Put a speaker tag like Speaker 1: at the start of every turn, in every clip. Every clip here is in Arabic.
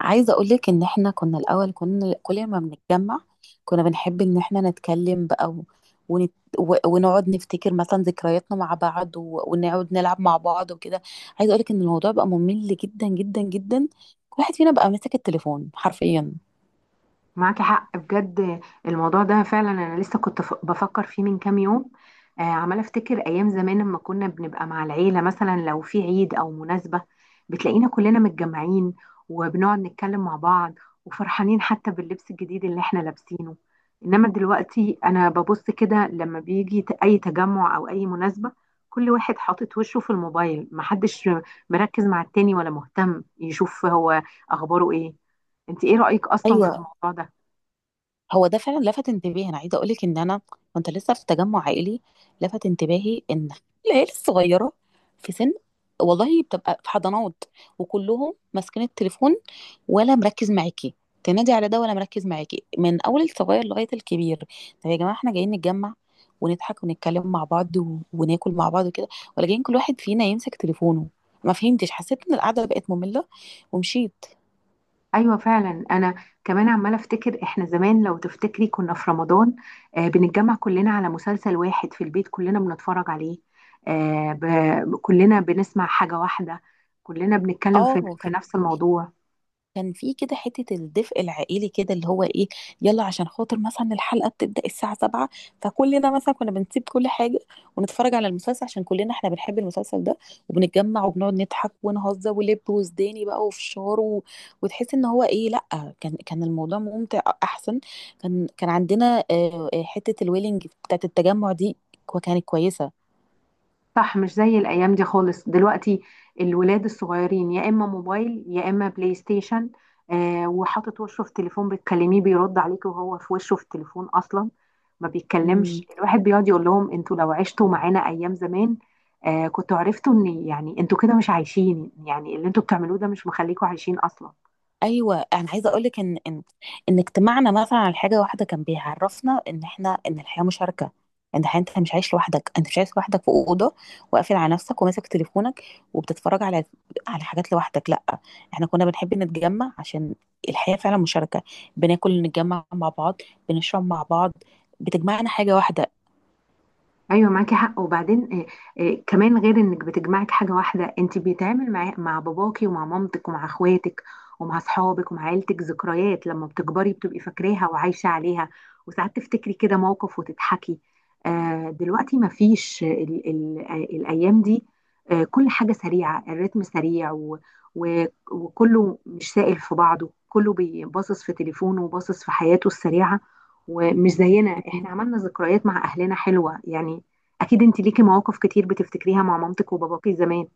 Speaker 1: عايزة أقولك إن إحنا كنا الأول، كنا كل ما بنتجمع كنا بنحب إن إحنا نتكلم بقى ونت... ونقعد نفتكر مثلا ذكرياتنا مع بعض، ونقعد نلعب مع بعض وكده. عايزة أقولك إن الموضوع بقى ممل جدا جدا جدا. كل واحد فينا بقى ماسك التليفون حرفيا.
Speaker 2: معاكي حق بجد. الموضوع ده فعلا انا لسه كنت بفكر فيه من كام يوم. عماله افتكر ايام زمان لما كنا بنبقى مع العيله، مثلا لو في عيد او مناسبه بتلاقينا كلنا متجمعين، وبنقعد نتكلم مع بعض، وفرحانين حتى باللبس الجديد اللي احنا لابسينه. انما دلوقتي انا ببص كده لما بيجي اي تجمع او اي مناسبه، كل واحد حاطط وشه في الموبايل، محدش مركز مع التاني ولا مهتم يشوف هو اخباره ايه. انت ايه رأيك اصلا في
Speaker 1: ايوه،
Speaker 2: الموضوع ده؟
Speaker 1: هو ده فعلا لفت انتباهي. انا عايزه اقول لك ان انا كنت لسه في تجمع عائلي. لفت انتباهي ان العيال الصغيره في سن، والله، بتبقى في حضانات، وكلهم ماسكين التليفون، ولا مركز معاكي. تنادي على ده ولا مركز معاكي، من اول الصغير لغايه الكبير. طب يا جماعه، احنا جايين نتجمع ونضحك ونتكلم مع بعض وناكل مع بعض وكده، ولا جايين كل واحد فينا يمسك تليفونه؟ ما فهمتش، حسيت ان القعده بقت ممله ومشيت.
Speaker 2: ايوه فعلا. انا كمان عماله افتكر احنا زمان، لو تفتكري كنا في رمضان، بنتجمع كلنا على مسلسل واحد في البيت كلنا بنتفرج عليه. كلنا بنسمع حاجه واحده، كلنا بنتكلم
Speaker 1: اه،
Speaker 2: في نفس الموضوع.
Speaker 1: كان في كده حتة الدفء العائلي، كده اللي هو ايه، يلا عشان خاطر مثلا الحلقة بتبدأ الساعة 7، فكلنا مثلا كنا بنسيب كل حاجة ونتفرج على المسلسل عشان كلنا احنا بنحب المسلسل ده. وبنتجمع وبنقعد نضحك ونهزر، ولب وزداني بقى وفشار، و... وتحس ان هو ايه، لا، كان الموضوع ممتع احسن. كان عندنا، حتة الويلنج بتاعت التجمع دي، كانت كويسة.
Speaker 2: صح، مش زي الايام دي خالص. دلوقتي الولاد الصغيرين يا اما موبايل يا اما بلاي ستيشن، وحاطط وشه في تليفون، بتكلميه بيرد عليك وهو في وشه في التليفون، اصلا ما
Speaker 1: إمم.
Speaker 2: بيتكلمش. الواحد بيقعد يقول لهم انتوا لو عشتوا معانا ايام زمان كنتوا عرفتوا ان يعني انتوا كده مش عايشين، يعني اللي انتوا بتعملوه ده مش مخليكوا عايشين اصلا.
Speaker 1: ايوه، انا عايزه اقول لك ان ان اجتماعنا مثلا على حاجه واحده كان بيعرفنا ان احنا، ان الحياه مشاركه، ان الحياه، انت مش عايش لوحدك. انت مش عايش لوحدك في اوضه وقافل على نفسك وماسك تليفونك وبتتفرج على حاجات لوحدك، لا، احنا كنا بنحب نتجمع عشان الحياه فعلا مشاركه. بناكل، نتجمع مع بعض، بنشرب مع بعض، بتجمعنا حاجه واحده.
Speaker 2: ايوه معاكي حق. وبعدين كمان، غير انك بتجمعك حاجه واحده، انت بيتعامل مع باباكي ومع مامتك ومع اخواتك ومع اصحابك ومع عيلتك ذكريات، لما بتكبري بتبقي فاكراها وعايشه عليها، وساعات تفتكري كده موقف وتضحكي. دلوقتي ما فيش ال ال الايام دي، كل حاجه سريعه، الريتم سريع و و وكله مش سائل في بعضه، كله باصص في تليفونه وباصص في حياته السريعه. ومش زينا احنا عملنا ذكريات مع اهلنا حلوه يعني. اكيد انت ليكي مواقف كتير بتفتكريها مع مامتك وباباكي زمان.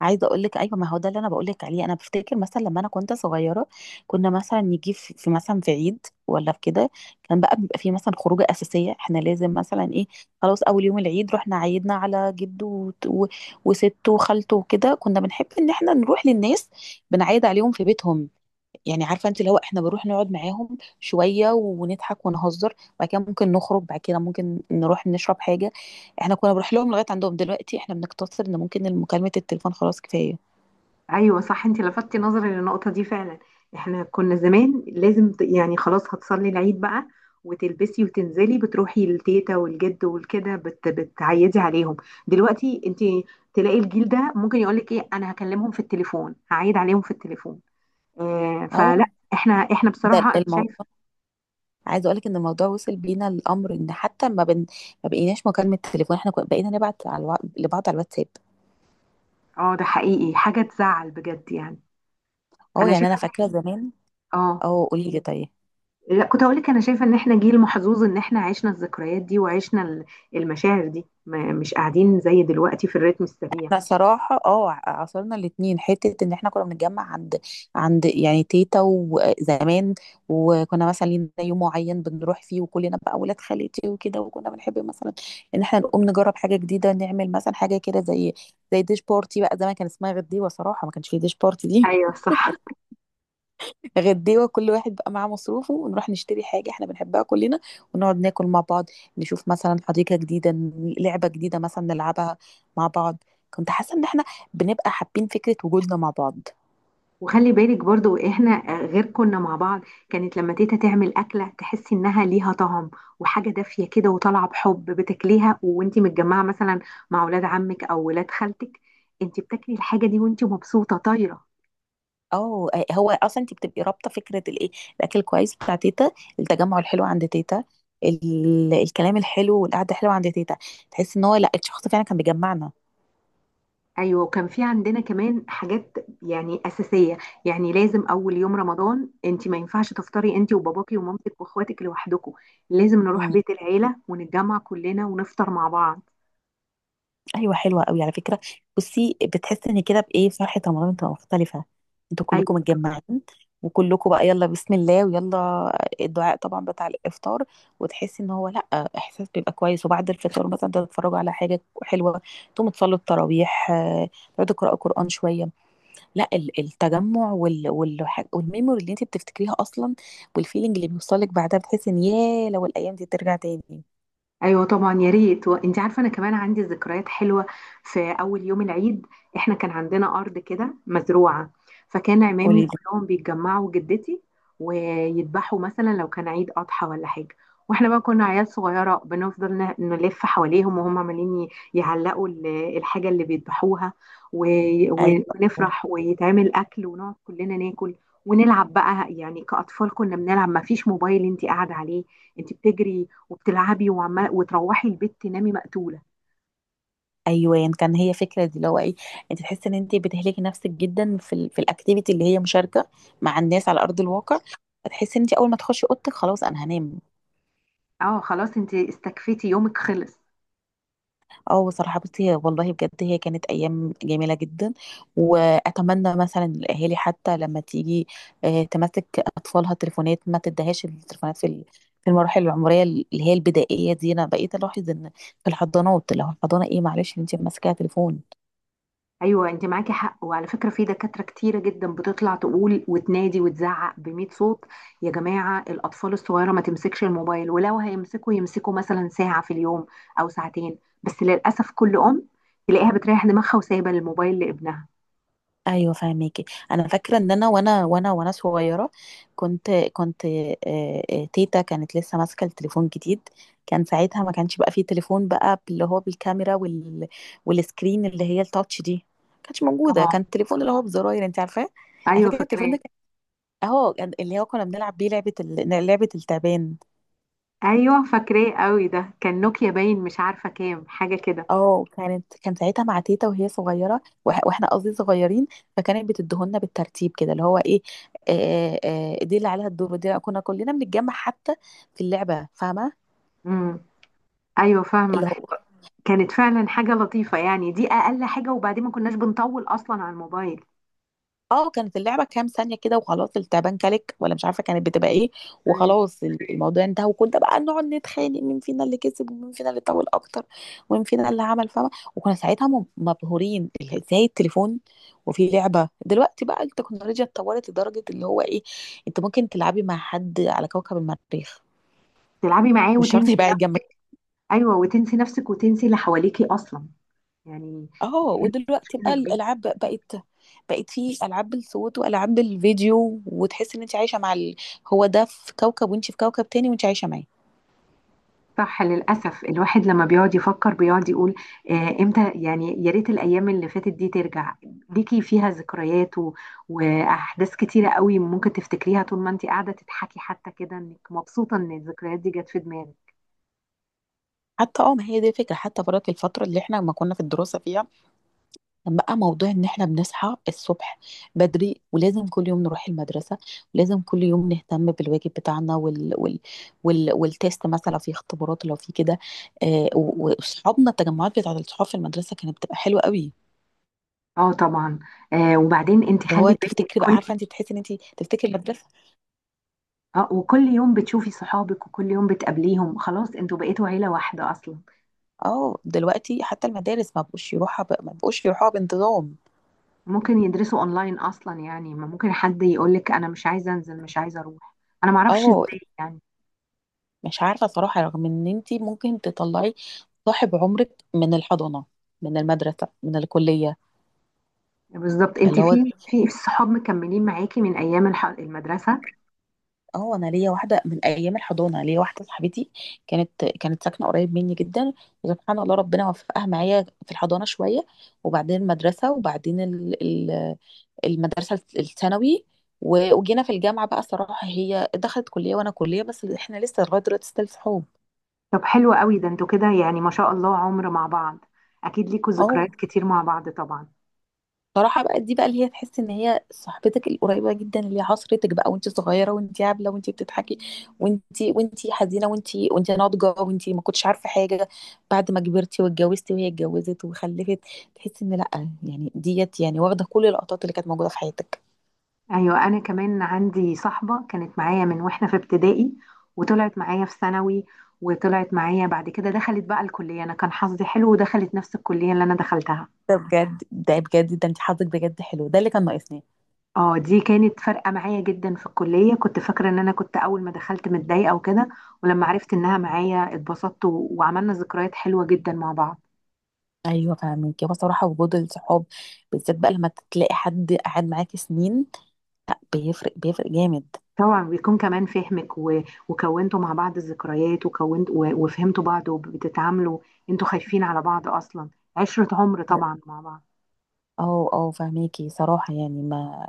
Speaker 1: عايزه اقول لك، ايوه، ما هو ده اللي انا بقول لك عليه. انا بفتكر مثلا لما انا كنت صغيره، كنا مثلا نيجي في مثلا في عيد ولا في كده. كان بقى بيبقى في مثلا خروجه اساسيه، احنا لازم مثلا ايه، خلاص، اول يوم العيد رحنا عيدنا على جده وسته وخالته وكده. كنا بنحب ان احنا نروح للناس، بنعيد عليهم في بيتهم. يعني عارفه انت اللي هو احنا بنروح نقعد معاهم شويه ونضحك ونهزر، بعد كده ممكن نخرج، بعد كده ممكن نروح نشرب حاجه. احنا كنا بنروح لهم لغايه عندهم، دلوقتي احنا بنقتصر ان ممكن مكالمه التليفون خلاص كفايه.
Speaker 2: ايوه صح. انت لفتي نظري للنقطه دي فعلا. احنا كنا زمان لازم يعني خلاص هتصلي العيد بقى، وتلبسي وتنزلي، بتروحي للتيتا والجد والكده بتعيدي عليهم. دلوقتي انت تلاقي الجيل ده ممكن يقولك ايه، انا هكلمهم في التليفون، هعيد عليهم في التليفون.
Speaker 1: اه،
Speaker 2: فلا، احنا
Speaker 1: ده
Speaker 2: بصراحه انا شايفه.
Speaker 1: الموضوع. عايزه اقول لك ان الموضوع وصل بينا الامر ان حتى ما بقيناش مكالمه تليفون، بقينا نبعت لبعض على الواتساب.
Speaker 2: اه، ده حقيقي حاجه تزعل بجد يعني.
Speaker 1: اه،
Speaker 2: انا
Speaker 1: يعني
Speaker 2: شايفه
Speaker 1: انا
Speaker 2: ان
Speaker 1: فاكره
Speaker 2: احنا،
Speaker 1: زمان.
Speaker 2: اه،
Speaker 1: اه، قولي لي، طيب.
Speaker 2: لا كنت هقول لك انا شايفه ان احنا جيل محظوظ، ان احنا عشنا الذكريات دي وعشنا المشاعر دي، ما مش قاعدين زي دلوقتي في الريتم السريع.
Speaker 1: احنا صراحة عاصرنا الاتنين، حتة ان احنا كنا بنتجمع عند يعني تيتا وزمان. وكنا مثلا لينا يوم معين بنروح فيه، وكلنا بقى ولاد خالتي وكده. وكنا بنحب مثلا ان احنا نقوم نجرب حاجة جديدة، نعمل مثلا حاجة كده، زي ديش بارتي بقى، زمان كان اسمها غير دي، وصراحة ما كانش فيه ديش بارتي دي.
Speaker 2: ايوه صح.
Speaker 1: غديوه، كل واحد بقى معاه مصروفه ونروح نشتري حاجة احنا بنحبها كلنا، ونقعد ناكل مع بعض، نشوف مثلا حديقة جديدة، لعبة جديدة مثلا نلعبها مع بعض. كنت حاسة ان احنا بنبقى حابين فكرة وجودنا مع بعض.
Speaker 2: وخلي بالك برضو احنا غير كنا مع بعض، كانت لما تيتا تعمل اكله تحسي انها ليها طعم وحاجه دافيه كده وطالعه بحب بتاكليها، وانتي متجمعه مثلا مع ولاد عمك او ولاد خالتك، انتي بتاكلي الحاجه دي وانتي مبسوطه طايره.
Speaker 1: اه، هو اصلا انت بتبقي رابطة فكرة الايه، الاكل الكويس بتاع تيتا، التجمع الحلو عند تيتا، الكلام الحلو والقعدة الحلوة عند تيتا. تحس ان هو، لا، الشخص فعلا كان بيجمعنا.
Speaker 2: ايوه، وكان في عندنا كمان حاجات يعني اساسيه، يعني لازم اول يوم رمضان انت ما ينفعش تفطري انت وباباكي ومامتك واخواتك لوحدكم، لازم نروح بيت العيله ونتجمع كلنا ونفطر مع بعض.
Speaker 1: ايوه، حلوه قوي على فكره. بصي، بتحس ان كده، بايه، فرحه رمضان بتبقى مختلفه، انتوا كلكم
Speaker 2: ايوه.
Speaker 1: متجمعين. وكلكم بقى يلا بسم الله، ويلا الدعاء طبعا بتاع الافطار، وتحسي ان هو، لا، احساس بيبقى كويس. وبعد الفطار مثلا تتفرجوا على حاجه حلوه، تقوموا تصلوا التراويح، تقعدوا تقراوا قران شويه. لا، التجمع والميموري اللي انت بتفتكريها اصلا، والفيلينج اللي بيوصلك بعدها، بتحسي ان ياه لو الايام دي ترجع تاني.
Speaker 2: ايوه طبعا يا ريت. وانت عارفه انا كمان عندي ذكريات حلوه في اول يوم العيد. احنا كان عندنا ارض كده مزروعه، فكان عمامي
Speaker 1: قولي لي.
Speaker 2: كلهم بيتجمعوا جدتي ويذبحوا مثلا لو كان عيد اضحى ولا حاجه، واحنا بقى كنا عيال صغيره بنفضل نلف حواليهم، وهم عمالين يعلقوا الحاجه اللي بيذبحوها، و-
Speaker 1: ايوه،
Speaker 2: ونفرح ويتعمل اكل ونقعد كلنا ناكل، ونلعب بقى يعني كأطفال كنا بنلعب، ما فيش موبايل انت قاعدة عليه، انت بتجري وبتلعبي وعمال وتروحي البيت تنامي مقتولة.
Speaker 1: ايوه، يعني كان، هي فكره دي اللي هو ايه، انت تحسي ان انت بتهلكي نفسك جدا في في الاكتيفيتي اللي هي مشاركه مع الناس على ارض الواقع، فتحسي ان انت اول ما تخشي اوضتك خلاص انا هنام.
Speaker 2: اه، خلاص انت استكفيتي يومك خلص.
Speaker 1: اه صراحه، بصي، والله بجد هي كانت ايام جميله جدا. واتمنى مثلا الاهالي حتى لما تيجي تمسك اطفالها تليفونات، ما تدهاش التليفونات في في المراحل العمريه اللي هي البدائيه دي. انا بقيت الاحظ ان في الحضانات، لو الحضانه ايه، معلش، انت ماسكه تليفون.
Speaker 2: ايوه، انت معاكي حق. وعلى فكره في دكاتره كتيره جدا بتطلع تقول وتنادي وتزعق بميت صوت: يا جماعه الاطفال الصغيره ما تمسكش الموبايل، ولو هيمسكوا يمسكوا مثلا ساعه في اليوم او ساعتين. بس للاسف كل ام تلاقيها بتريح دماغها وسايبه الموبايل لابنها.
Speaker 1: ايوه فاهميكي. انا فاكره ان انا وانا وانا وانا صغيره، كنت كنت آه، آه، تيتا كانت لسه ماسكه التليفون جديد. كان ساعتها ما كانش بقى فيه تليفون بقى اللي هو بالكاميرا والسكرين اللي هي التاتش دي، ما كانتش موجوده.
Speaker 2: اه،
Speaker 1: كان التليفون اللي هو بزراير، انت عارفاه. على
Speaker 2: ايوه
Speaker 1: فكره التليفون ده
Speaker 2: فاكراه.
Speaker 1: اهو اللي هو كنا بنلعب بيه لعبه، لعبه التعبان.
Speaker 2: ايوه فاكراه قوي، ده كان نوكيا باين مش عارفه كام حاجه كده.
Speaker 1: اه، كان ساعتها مع تيتا وهي صغيره، واحنا قصدي صغيرين، فكانت بتدهولنا بالترتيب كده اللي هو ايه، دي اللي عليها الدور، كنا كلنا بنتجمع حتى في اللعبه، فاهمه.
Speaker 2: امم، ايوه فاهمه.
Speaker 1: اللي هو،
Speaker 2: كانت فعلا حاجة لطيفة يعني، دي أقل حاجة. وبعدين ما كناش بنطول أصلا على الموبايل.
Speaker 1: اه كانت اللعبة كام ثانية كده وخلاص، التعبان كلك ولا مش عارفة كانت بتبقى ايه.
Speaker 2: ايوه،
Speaker 1: وخلاص الموضوع انتهى، وكنا بقى نقعد نتخانق مين فينا اللي كسب ومين فينا اللي طول اكتر، ومين فينا اللي عمل، فاهمة. وكنا ساعتها مبهورين ازاي التليفون، وفي لعبة، دلوقتي بقى التكنولوجيا اتطورت لدرجة اللي هو ايه، انت ممكن تلعبي مع حد على كوكب المريخ،
Speaker 2: تلعبي معاه
Speaker 1: مش شرط
Speaker 2: وتنسي
Speaker 1: يبقى قاعد
Speaker 2: نفسك.
Speaker 1: جنبك.
Speaker 2: أيوة، وتنسي نفسك وتنسي اللي حواليكي أصلا يعني،
Speaker 1: اه،
Speaker 2: دي كانت
Speaker 1: ودلوقتي
Speaker 2: مشكلة
Speaker 1: بقى
Speaker 2: كبيرة.
Speaker 1: الالعاب بقت في العاب بالصوت والعاب بالفيديو، وتحس ان انت عايشه مع هو ده في كوكب وانت في كوكب تاني وانت عايشه معاه.
Speaker 2: صح، للأسف. الواحد لما بيقعد يفكر بيقعد يقول: آه، إمتى يعني يا ريت الأيام اللي فاتت دي ترجع، ليكي فيها ذكريات وأحداث كتيرة قوي ممكن تفتكريها طول ما أنت قاعدة تضحكي حتى كده، إنك مبسوطة إن الذكريات دي جت في دماغك.
Speaker 1: حتى اه، ما هي دي فكره حتى برات الفتره اللي احنا لما كنا في الدراسه فيها. كان بقى موضوع ان احنا بنصحى الصبح بدري، ولازم كل يوم نروح المدرسه، ولازم كل يوم نهتم بالواجب بتاعنا والتيست مثلا لو في اختبارات، لو في كده، واصحابنا، التجمعات بتاعه الصحاب في المدرسه كانت بتبقى حلوه قوي.
Speaker 2: اه طبعا. وبعدين انت
Speaker 1: اللي هو
Speaker 2: خلي بالك،
Speaker 1: تفتكري بقى،
Speaker 2: كل
Speaker 1: عارفه انت، تحسي ان انت تفتكري المدرسه.
Speaker 2: اه وكل يوم بتشوفي صحابك، وكل يوم بتقابليهم، خلاص انتوا بقيتوا عيلة واحدة اصلا.
Speaker 1: اه دلوقتي حتى المدارس ما بقوش يروحها ما بقوش يروحوها بانتظام.
Speaker 2: ممكن يدرسوا اونلاين اصلا يعني، ما ممكن حد يقولك انا مش عايزة انزل، مش عايزة اروح. انا معرفش
Speaker 1: اه
Speaker 2: ازاي يعني.
Speaker 1: مش عارفه صراحه، رغم ان انت ممكن تطلعي صاحب عمرك من الحضانه، من المدرسه، من الكليه.
Speaker 2: بالظبط، انت
Speaker 1: اللي هو،
Speaker 2: في صحاب مكملين معاكي من ايام المدرسة.
Speaker 1: اه انا ليا واحده من ايام الحضانه، ليا واحده صاحبتي، كانت ساكنه قريب مني جدا، وسبحان الله ربنا وفقها معايا في الحضانه شويه، وبعدين المدرسه، وبعدين المدرسة الثانوي، وجينا في الجامعة بقى. صراحة هي دخلت كلية وانا كلية، بس احنا لسه لغاية دلوقتي ستيل صحاب.
Speaker 2: طب، حلو قوي ده. انتوا كده يعني ما شاء الله عمر مع بعض. اكيد ليكوا ذكريات
Speaker 1: اه
Speaker 2: كتير مع بعض طبعا.
Speaker 1: صراحة بقى، دي بقى اللي هي تحس ان هي صاحبتك القريبة جدا اللي هي عصرتك بقى وانت صغيرة، وانت عابلة وانت بتضحكي، وانت حزينة، وانت ناضجة، وانت ما كنتش عارفة حاجة. بعد ما كبرتي واتجوزتي، وهي اتجوزت وخلفت، تحس ان، لا، يعني ديت يعني واخدة كل اللقطات اللي كانت موجودة في حياتك.
Speaker 2: ايوه، انا كمان عندي صاحبه كانت معايا من واحنا في ابتدائي، وطلعت معايا في ثانوي، وطلعت معايا بعد كده دخلت بقى الكليه. انا كان حظي حلو ودخلت نفس الكليه اللي انا دخلتها.
Speaker 1: ده بجد، ده بجد، ده انت حظك بجد حلو، ده اللي كان ناقصني.
Speaker 2: اه، دي كانت فارقه معايا جدا. في الكليه كنت فاكره ان انا كنت اول ما دخلت متضايقه وكده، ولما عرفت انها معايا اتبسطت، وعملنا ذكريات حلوه جدا مع بعض.
Speaker 1: ايوه فاهمك، هو صراحه وجود الصحاب، بالذات بقى لما تلاقي حد قاعد معاكي سنين، لا بيفرق، بيفرق جامد.
Speaker 2: طبعا، بيكون كمان فهمك، وكونتوا مع بعض الذكريات، وفهمتوا بعض وبتتعاملوا، انتوا خايفين على بعض اصلا، عشره عمر طبعا مع بعض.
Speaker 1: اه اه فاهميكي صراحة، يعني ما،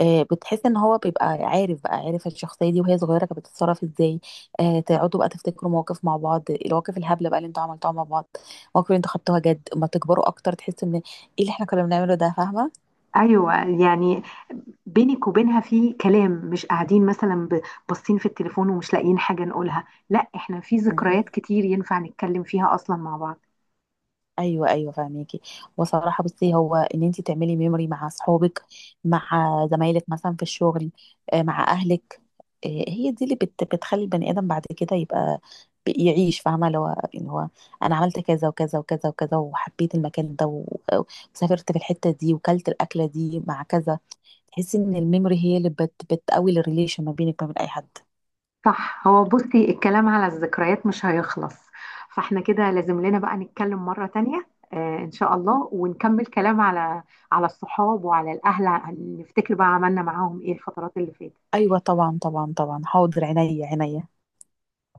Speaker 1: بتحس ان هو بيبقى عارف بقى، عارف الشخصية دي وهي صغيرة كانت بتتصرف ازاي. تقعدوا بقى تفتكروا مواقف مع بعض، المواقف الهبلة بقى اللي انتوا عملتوها مع بعض، المواقف اللي انتوا خدتوها جد، اما تكبروا اكتر تحسوا ان ايه اللي احنا كنا بنعمله ده،
Speaker 2: ايوه يعني بينك وبينها في كلام، مش قاعدين مثلا باصين في التليفون ومش لاقيين حاجه نقولها. لا احنا في ذكريات
Speaker 1: فاهمة.
Speaker 2: كتير ينفع نتكلم فيها اصلا مع بعض.
Speaker 1: ايوه، ايوه، فاهميكي. وصراحه بصي هو ان انت تعملي ميموري مع اصحابك، مع زمايلك مثلا في الشغل، مع اهلك، هي دي اللي بتخلي البني ادم بعد كده يبقى يعيش، فاهمه، لو اللي هو انا عملت كذا وكذا وكذا وكذا، وحبيت المكان ده، وسافرت في الحته دي، وكلت الاكله دي مع كذا. تحسي ان الميموري هي اللي بتقوي الريليشن ما بينك وما بين اي حد.
Speaker 2: صح، هو بصي الكلام على الذكريات مش هيخلص، فاحنا كده لازم لنا بقى نتكلم مره تانية. ان شاء الله، ونكمل كلام على الصحاب وعلى الاهل، نفتكر بقى عملنا معاهم ايه الفترات اللي فاتت.
Speaker 1: ايوه طبعا طبعا طبعا، حاضر، عينيا عينيا.